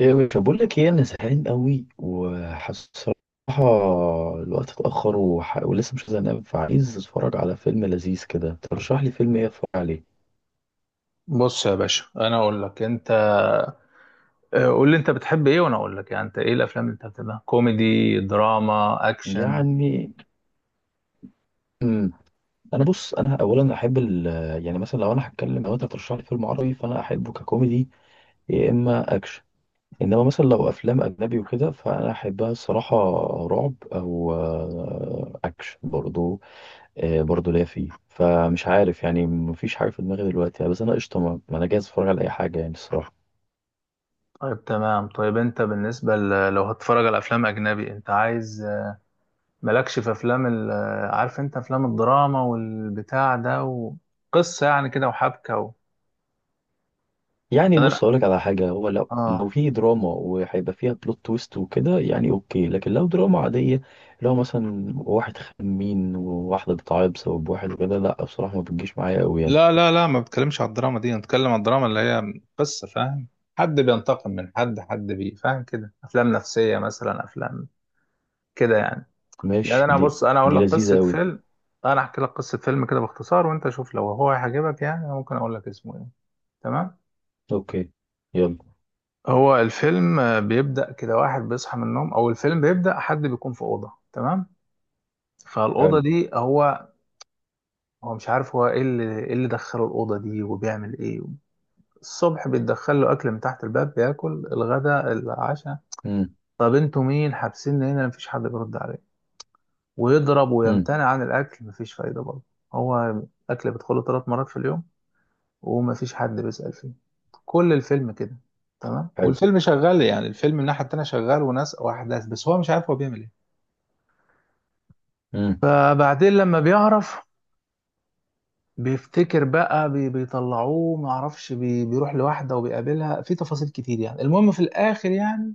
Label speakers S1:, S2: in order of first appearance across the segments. S1: ايه، مش بقول لك ايه، انا زهقان قوي وحاسس الصراحه الوقت اتاخر ولسه مش عايز انام، فعايز اتفرج على فيلم لذيذ كده. ترشح لي فيلم ايه اتفرج عليه؟
S2: بص يا باشا، انا اقول لك انت. قول لي انت بتحب ايه وانا اقول لك، يعني انت ايه الافلام اللي انت بتحبها؟ كوميدي، دراما، اكشن؟
S1: يعني امم انا بص، انا اولا احب يعني مثلا لو انا هتكلم لو انت ترشح لي فيلم عربي فانا احبه ككوميدي، يا اما اكشن. انما مثلا لو افلام اجنبي وكده فانا احبها الصراحه، رعب او اكشن برضو. برضه ليا فيه، فمش عارف يعني، مفيش حاجه في دماغي دلوقتي يعني. بس انا قشطه، ما انا جاهز اتفرج على اي حاجه يعني الصراحه.
S2: طيب تمام. طيب انت بالنسبه لو هتتفرج على افلام اجنبي انت عايز مالكش في افلام عارف، انت افلام الدراما والبتاع ده وقصه يعني كده وحبكه
S1: يعني
S2: يعني انا
S1: بص اقول لك على حاجه، هو لو
S2: اه.
S1: لو في دراما وهيبقى فيها بلوت تويست وكده يعني اوكي، لكن لو دراما عاديه، لو مثلا واحد خمين وواحده بتعيط بسبب واحد وكده، لا بصراحه ما بتجيش معايا قوي يعني.
S2: لا، ما بتكلمش على الدراما دي، انا بتكلم على الدراما اللي هي قصه، فاهم؟ حد بينتقم من حد، حد بي فاهم كده، افلام نفسيه مثلا، افلام كده يعني. يعني
S1: ماشي.
S2: انا
S1: دي
S2: بص، انا اقول
S1: دي
S2: لك
S1: لذيذه
S2: قصه
S1: قوي.
S2: فيلم، انا احكي لك قصه فيلم كده باختصار وانت شوف لو هو هيعجبك. يعني أنا ممكن اقول لك اسمه ايه؟ تمام.
S1: اوكي، يلا.
S2: هو الفيلم بيبدا كده، واحد بيصحى من النوم، او الفيلم بيبدا حد بيكون في اوضه تمام. فالاوضه
S1: حلو.
S2: دي هو، هو مش عارف هو ايه اللي، ايه اللي دخله الاوضه دي وبيعمل ايه. الصبح بيتدخل له اكل من تحت الباب، بياكل الغداء، العشاء.
S1: امم.
S2: طب انتوا مين؟ حابسيني هنا. مفيش حد بيرد عليه. ويضرب
S1: امم.
S2: ويمتنع عن الاكل، مفيش فايده برضه. هو الاكل بيدخله ثلاث مرات في اليوم ومفيش حد بيسأل فيه، كل الفيلم كده. تمام،
S1: حلو.
S2: والفيلم شغال، يعني الفيلم من الناحية التانية شغال، وناس وأحداث، بس هو مش عارف هو بيعمل إيه.
S1: امم.
S2: فبعدين لما بيعرف، بيفتكر بقى، بي بيطلعوه، معرفش، بي بيروح لواحدة وبيقابلها في تفاصيل كتير، يعني المهم في الآخر يعني،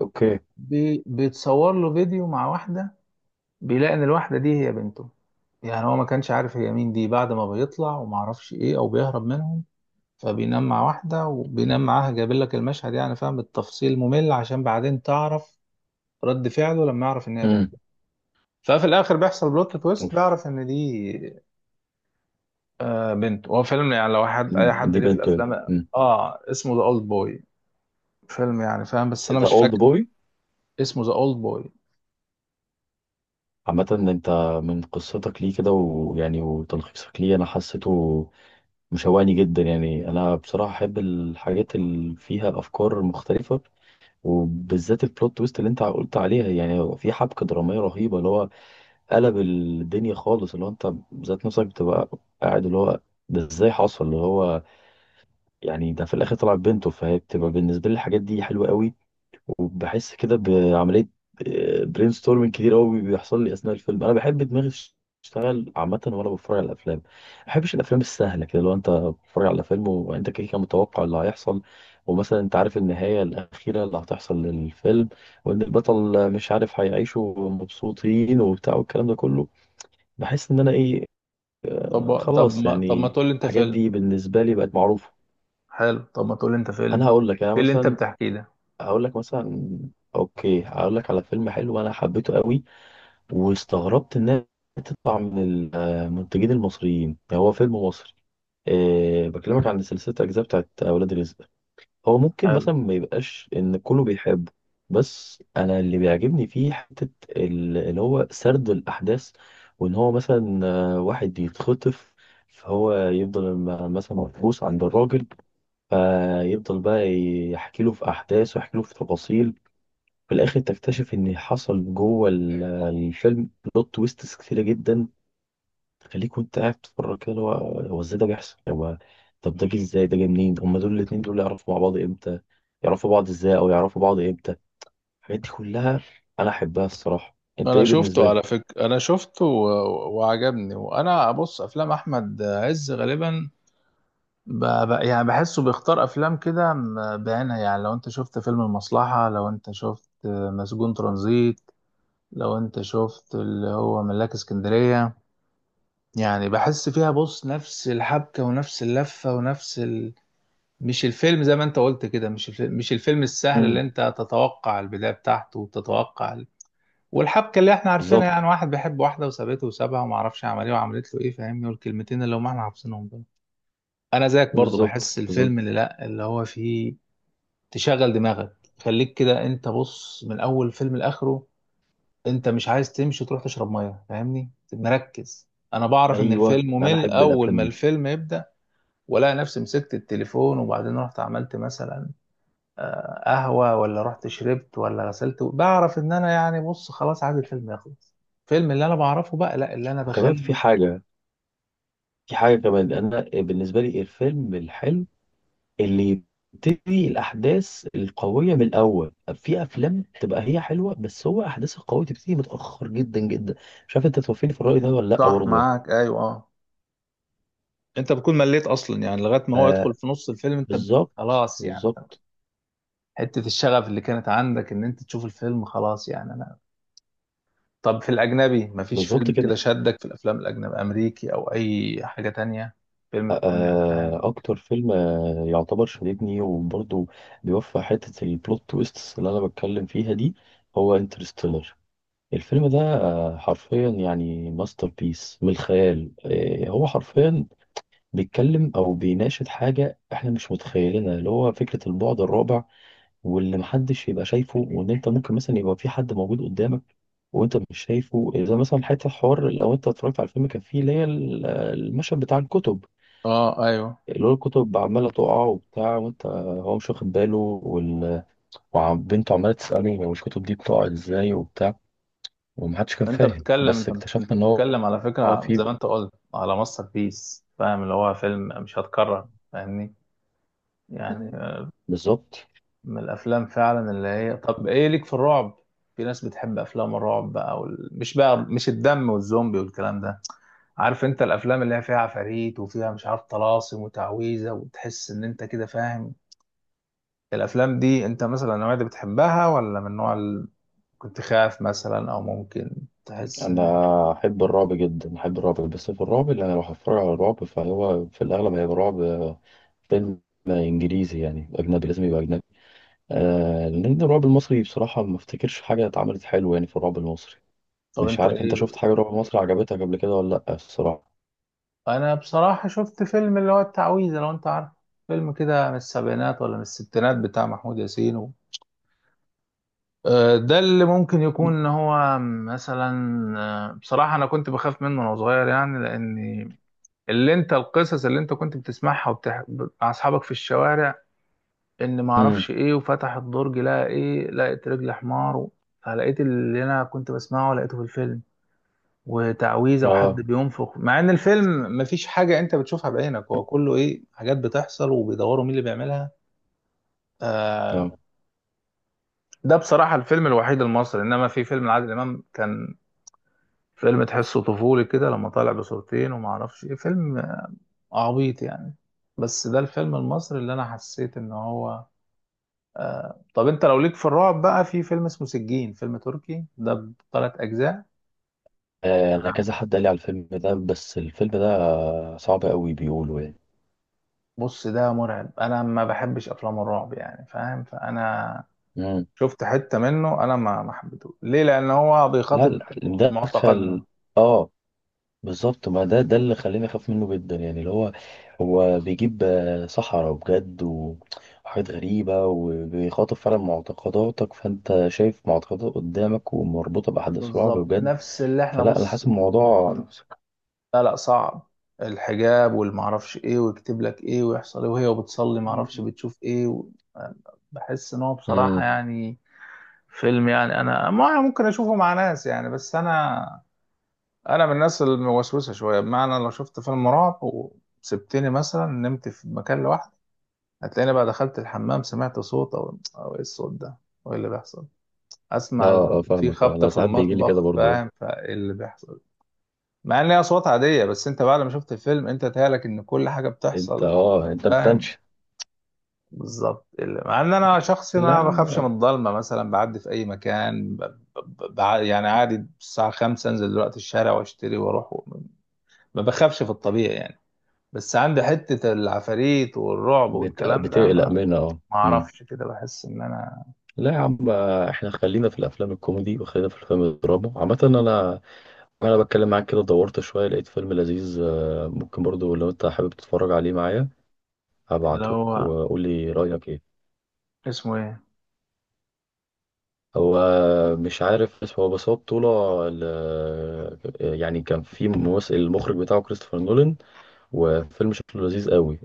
S1: اوكي.
S2: بي بيتصور له فيديو مع واحدة، بيلاقي إن الواحدة دي هي بنته. يعني هو ما كانش عارف هي مين دي. بعد ما بيطلع ومعرفش إيه أو بيهرب منهم، فبينام مع واحدة وبينام معاها، جايبين لك المشهد يعني فاهم بالتفصيل ممل عشان بعدين تعرف رد فعله لما يعرف إن هي بنت.
S1: امم.
S2: ففي الآخر بيحصل بلوت تويست،
S1: اوف.
S2: بيعرف إن دي آه بنت. هو فيلم يعني لو حد، أي حد
S1: دي
S2: ليه في
S1: بنت.
S2: الأفلام، آه اسمه ذا أولد بوي. فيلم يعني فاهم، بس أنا
S1: ذا
S2: مش
S1: اولد
S2: فاكر
S1: بوي.
S2: اسمه، ذا أولد بوي.
S1: عامة انت، من قصتك ليه كده ويعني وتلخيصك ليه، انا حسيته مشوقني جدا يعني. انا بصراحة احب الحاجات اللي فيها افكار مختلفة، وبالذات البلوت تويست اللي انت قلت عليها. يعني هو في حبكة درامية رهيبة، اللي هو قلب الدنيا خالص، اللي هو انت ذات نفسك بتبقى قاعد اللي هو ده ازاي حصل، اللي هو يعني ده في الاخر طلع بنته. فهي بتبقى بالنسبة لي الحاجات دي حلوة قوي، وبحس كده بعملية برين ستورمنج كتير قوي بيحصل لي أثناء الفيلم. أنا بحب دماغي تشتغل عامة وأنا بتفرج على الأفلام، ما بحبش الأفلام السهلة كده. لو أنت بتتفرج على فيلم وأنت كده كده متوقع اللي هيحصل، ومثلا أنت عارف النهاية الأخيرة اللي هتحصل للفيلم، وإن البطل مش عارف هيعيشوا مبسوطين وبتاع والكلام ده كله، بحس إن أنا إيه،
S2: طب طب
S1: خلاص
S2: ما طب ما
S1: يعني
S2: تقول لي أنت
S1: الحاجات
S2: فيلم؟
S1: دي بالنسبة لي بقت معروفة.
S2: حلو، طب ما تقول لي أنت
S1: أنا
S2: فيلم
S1: هقول لك، أنا
S2: في اللي أنت
S1: مثلا
S2: بتحكيه ده؟
S1: هقول لك مثلا، اوكي هقول لك على فيلم حلو انا حبيته قوي، واستغربت انها تطلع من المنتجين المصريين. يعني هو فيلم مصري، أه، بكلمك عن سلسلة أجزاء بتاعت أولاد رزق. هو ممكن
S2: حلو.
S1: مثلا ما يبقاش إن كله بيحبه، بس أنا اللي بيعجبني فيه حتة اللي هو سرد الأحداث، وإن هو مثلا واحد يتخطف، فهو يفضل مثلا محبوس عند الراجل، فيفضل بقى يحكي له في أحداث ويحكي له في تفاصيل، في الاخر تكتشف ان حصل جوه الفيلم بلوت تويستس كتيره جدا، تخليك وانت قاعد بتتفرج كده اللي هو ازاي ده بيحصل، هو طب ده جه ازاي، ده جه منين، هما دول الاتنين دول يعرفوا مع بعض امتى، يعرفوا بعض ازاي او يعرفوا بعض امتى. الحاجات دي كلها انا احبها الصراحه. انت
S2: انا
S1: ايه بالنسبه
S2: شفته على
S1: لك؟
S2: فكره، انا شفته وعجبني. وانا بص، افلام احمد عز غالبا يعني بحسه بيختار افلام كده بعينها. يعني لو انت شفت فيلم المصلحة، لو انت شفت مسجون ترانزيت، لو انت شفت اللي هو ملاك اسكندرية، يعني بحس فيها بص نفس الحبكة ونفس اللفة ونفس مش الفيلم، زي ما انت قلت كده، مش الفيلم السهل اللي
S1: امم.
S2: انت تتوقع البداية بتاعته وتتوقع والحبكة اللي احنا عارفينها،
S1: بالظبط.
S2: يعني واحد بيحب واحدة وسابته وسابها وما اعرفش عمل ايه وعملت له ايه، فاهمني، والكلمتين اللي هم احنا حافظينهم دول. انا زيك برضو،
S1: بالظبط.
S2: بحس
S1: بالظبط.
S2: الفيلم اللي لا اللي هو فيه تشغل دماغك، خليك كده انت بص من اول فيلم لاخره. انت مش عايز تمشي وتروح تشرب ميه، فاهمني، مركز. انا بعرف ان
S1: ايوه
S2: الفيلم
S1: انا
S2: ممل
S1: احب
S2: اول
S1: الافلام
S2: ما
S1: دي.
S2: الفيلم يبدا، والاقي نفسي مسكت التليفون وبعدين رحت عملت مثلا قهوه، ولا رحت شربت، ولا غسلت، بعرف ان انا يعني بص خلاص عايز الفيلم يخلص. الفيلم اللي انا بعرفه بقى لا، اللي انا
S1: وكمان
S2: بخلي.
S1: في حاجه، في حاجه كمان، انا بالنسبه لي الفيلم الحلو اللي يبتدي الأحداث القوية من الأول. في أفلام تبقى هي حلوة بس هو أحداث القوية تبتدي متأخر جدا جدا. مش عارف أنت توافقني في الرأي ده ولا لأ
S2: صح،
S1: برضه يعني.
S2: معاك، ايوه اه. انت بتكون مليت اصلا، يعني لغايه ما هو يدخل
S1: فبالظبط.
S2: في نص الفيلم انت
S1: بالظبط.
S2: خلاص يعني،
S1: بالظبط.
S2: حتة الشغف اللي كانت عندك ان انت تشوف الفيلم خلاص يعني انا. طب في الاجنبي مفيش
S1: بالظبط
S2: فيلم كده
S1: كده.
S2: شدك في الافلام الاجنبي امريكي او اي حاجة تانية، فيلم تكون يعني فاهم؟
S1: أكتر فيلم يعتبر شددني، وبرضه بيوفق حتة البلوت تويست اللي أنا بتكلم فيها دي، هو انترستيلر. الفيلم ده حرفيا يعني ماستر بيس من الخيال. هو حرفيا بيتكلم او بيناقش حاجه احنا مش متخيلينها، اللي هو فكره البعد الرابع، واللي محدش يبقى شايفه، وان انت ممكن مثلا يبقى في حد موجود قدامك وانت مش شايفه. اذا مثلا حته حوار، لو انت اتفرجت على الفيلم كان فيه اللي هي المشهد بتاع الكتب،
S2: اه ايوه.
S1: اللي هو الكتب عماله تقع وبتاع وانت هو مش واخد باله وال... وبنته عماله تساله هو الكتب دي بتقع ازاي وبتاع، ومحدش كان
S2: انت
S1: فاهم،
S2: بتتكلم،
S1: بس
S2: انت
S1: اكتشفنا ان هو
S2: بتتكلم على
S1: هو
S2: فكرة
S1: في.
S2: زي ما انت قلت على ماستر بيس، فاهم، اللي هو فيلم مش هتكرر، فاهمني يعني،
S1: بالظبط.
S2: من الافلام فعلا اللي هي. طب ايه ليك في الرعب؟ في ناس بتحب افلام الرعب بقى مش بقى، مش الدم والزومبي والكلام ده، عارف، انت الافلام اللي هي فيها عفاريت وفيها مش عارف طلاسم وتعويذه وتحس ان انت كده فاهم. الافلام دي انت مثلا النوعيه دي بتحبها، ولا من النوع اللي كنت خاف مثلا او ممكن تحس
S1: انا
S2: ان،
S1: احب الرعب جدا، احب الرعب، بس في الرعب اللي انا لو هتفرج على الرعب فهو في الاغلب هيبقى رعب فيلم انجليزي يعني اجنبي، لازم يبقى اجنبي، لان الرعب المصري بصراحه ما افتكرش حاجه اتعملت حلوه يعني في الرعب المصري.
S2: طب
S1: مش
S2: انت
S1: عارف انت شفت
S2: ايه؟
S1: حاجه رعب مصري عجبتك قبل كده ولا لا الصراحه؟
S2: انا بصراحه شفت فيلم اللي هو التعويذه، لو انت عارف، فيلم كده من السبعينات ولا من الستينات بتاع محمود ياسين و... آه، ده اللي ممكن يكون ان هو مثلا بصراحه انا كنت بخاف منه وانا صغير، يعني لان اللي انت، القصص اللي انت كنت بتسمعها مع اصحابك في الشوارع، ان ما
S1: امم.
S2: اعرفش ايه وفتح الدرج لقى ايه، لقيت رجل حمار فلقيت اللي انا كنت بسمعه لقيته في الفيلم، وتعويذه وحد
S1: اه.
S2: بينفخ، مع ان الفيلم مفيش حاجه انت بتشوفها بعينك، هو كله ايه، حاجات بتحصل وبيدوروا مين اللي بيعملها. آه
S1: اه.
S2: ده بصراحه الفيلم الوحيد المصري. انما في فيلم لعادل امام كان فيلم تحسه طفولي كده لما طالع بصورتين وما اعرفش ايه، فيلم عبيط يعني، بس ده الفيلم المصري اللي انا حسيت ان هو. طب انت لو ليك في الرعب بقى، في فيلم اسمه سجين، فيلم تركي ده بثلاث اجزاء.
S1: آه، انا كذا حد قال لي على الفيلم ده، بس الفيلم ده صعب قوي بيقولوا يعني.
S2: بص ده مرعب، انا ما بحبش افلام الرعب يعني فاهم، فانا
S1: امم.
S2: شفت حتة منه، انا ما حبيته ليه، لان هو
S1: لا
S2: بيخاطب
S1: لا،
S2: معتقدنا.
S1: مدخل. اه. بالظبط، ما ده اللي خليني اخاف منه جدا يعني، اللي هو هو بيجيب سحرة بجد وحاجات غريبة، وبيخاطب فعلا معتقداتك، فانت شايف معتقدات قدامك ومربوطة بأحداث رعب
S2: بالظبط،
S1: بجد.
S2: نفس اللي احنا
S1: فلا انا
S2: بص.
S1: حاسس الموضوع.
S2: لا لا، صعب. الحجاب والمعرفش ايه، ويكتب لك ايه، ويحصل ايه، وهي بتصلي معرفش بتشوف ايه بحس ان هو بصراحة
S1: امم.
S2: يعني فيلم، يعني انا ما ممكن اشوفه مع ناس يعني. بس انا، انا من الناس الموسوسه شويه، بمعنى لو شفت فيلم رعب وسبتني مثلا نمت في مكان لوحدي، هتلاقيني بقى دخلت الحمام سمعت صوت، او ايه الصوت ده وايه اللي بيحصل، اسمع
S1: اه. اه،
S2: في
S1: فاهمك.
S2: خبط
S1: انا
S2: في
S1: ساعات بيجي لي كده
S2: المطبخ،
S1: برضه.
S2: فاهم، فايه اللي بيحصل، مع ان هي اصوات عاديه، بس انت بعد ما شفت الفيلم انت تهيألك ان كل حاجه
S1: انت
S2: بتحصل،
S1: اه انت
S2: فاهم.
S1: بتنش.
S2: بالظبط مع ان انا شخص
S1: لا يا
S2: ما بخافش من
S1: عم.
S2: الضلمه مثلا، بعدي في اي مكان يعني عادي الساعه 5 انزل دلوقتي الشارع واشتري واروح ما بخافش في الطبيعي يعني، بس عندي حته العفاريت والرعب والكلام ده
S1: بتقلق منها، اه.
S2: ما
S1: أمم.
S2: اعرفش كده، بحس ان انا
S1: لا يا عم. احنا خلينا في الافلام الكوميدي وخلينا في الافلام الدراما. عامة انا، انا بتكلم معاك كده، دورت شويه لقيت فيلم لذيذ ممكن برضو لو انت حابب تتفرج عليه معايا،
S2: اللي
S1: هبعتهولك
S2: هو
S1: وقول لي رايك ايه.
S2: اسمه ايه؟
S1: هو مش عارف اسمه، بس هو بطوله يعني كان في ممثل، المخرج بتاعه كريستوفر نولان، وفيلم شكله لذيذ قوي،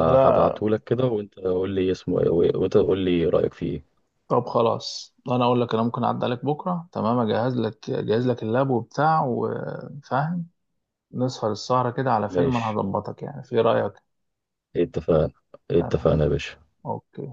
S2: لا،
S1: كده وانت قول لي اسمه ايه، وانت قول لي رايك فيه ايه.
S2: طب خلاص، انا اقول لك، انا ممكن اعدي عليك بكره، تمام، اجهز لك، اجهز لك اللاب وبتاع، وفاهم، نسهر السهره كده على فيلم، انا
S1: ماشي،
S2: هظبطك يعني، في رايك؟
S1: اتفقنا.
S2: تمام.
S1: اتفقنا يا باشا.
S2: اوكي.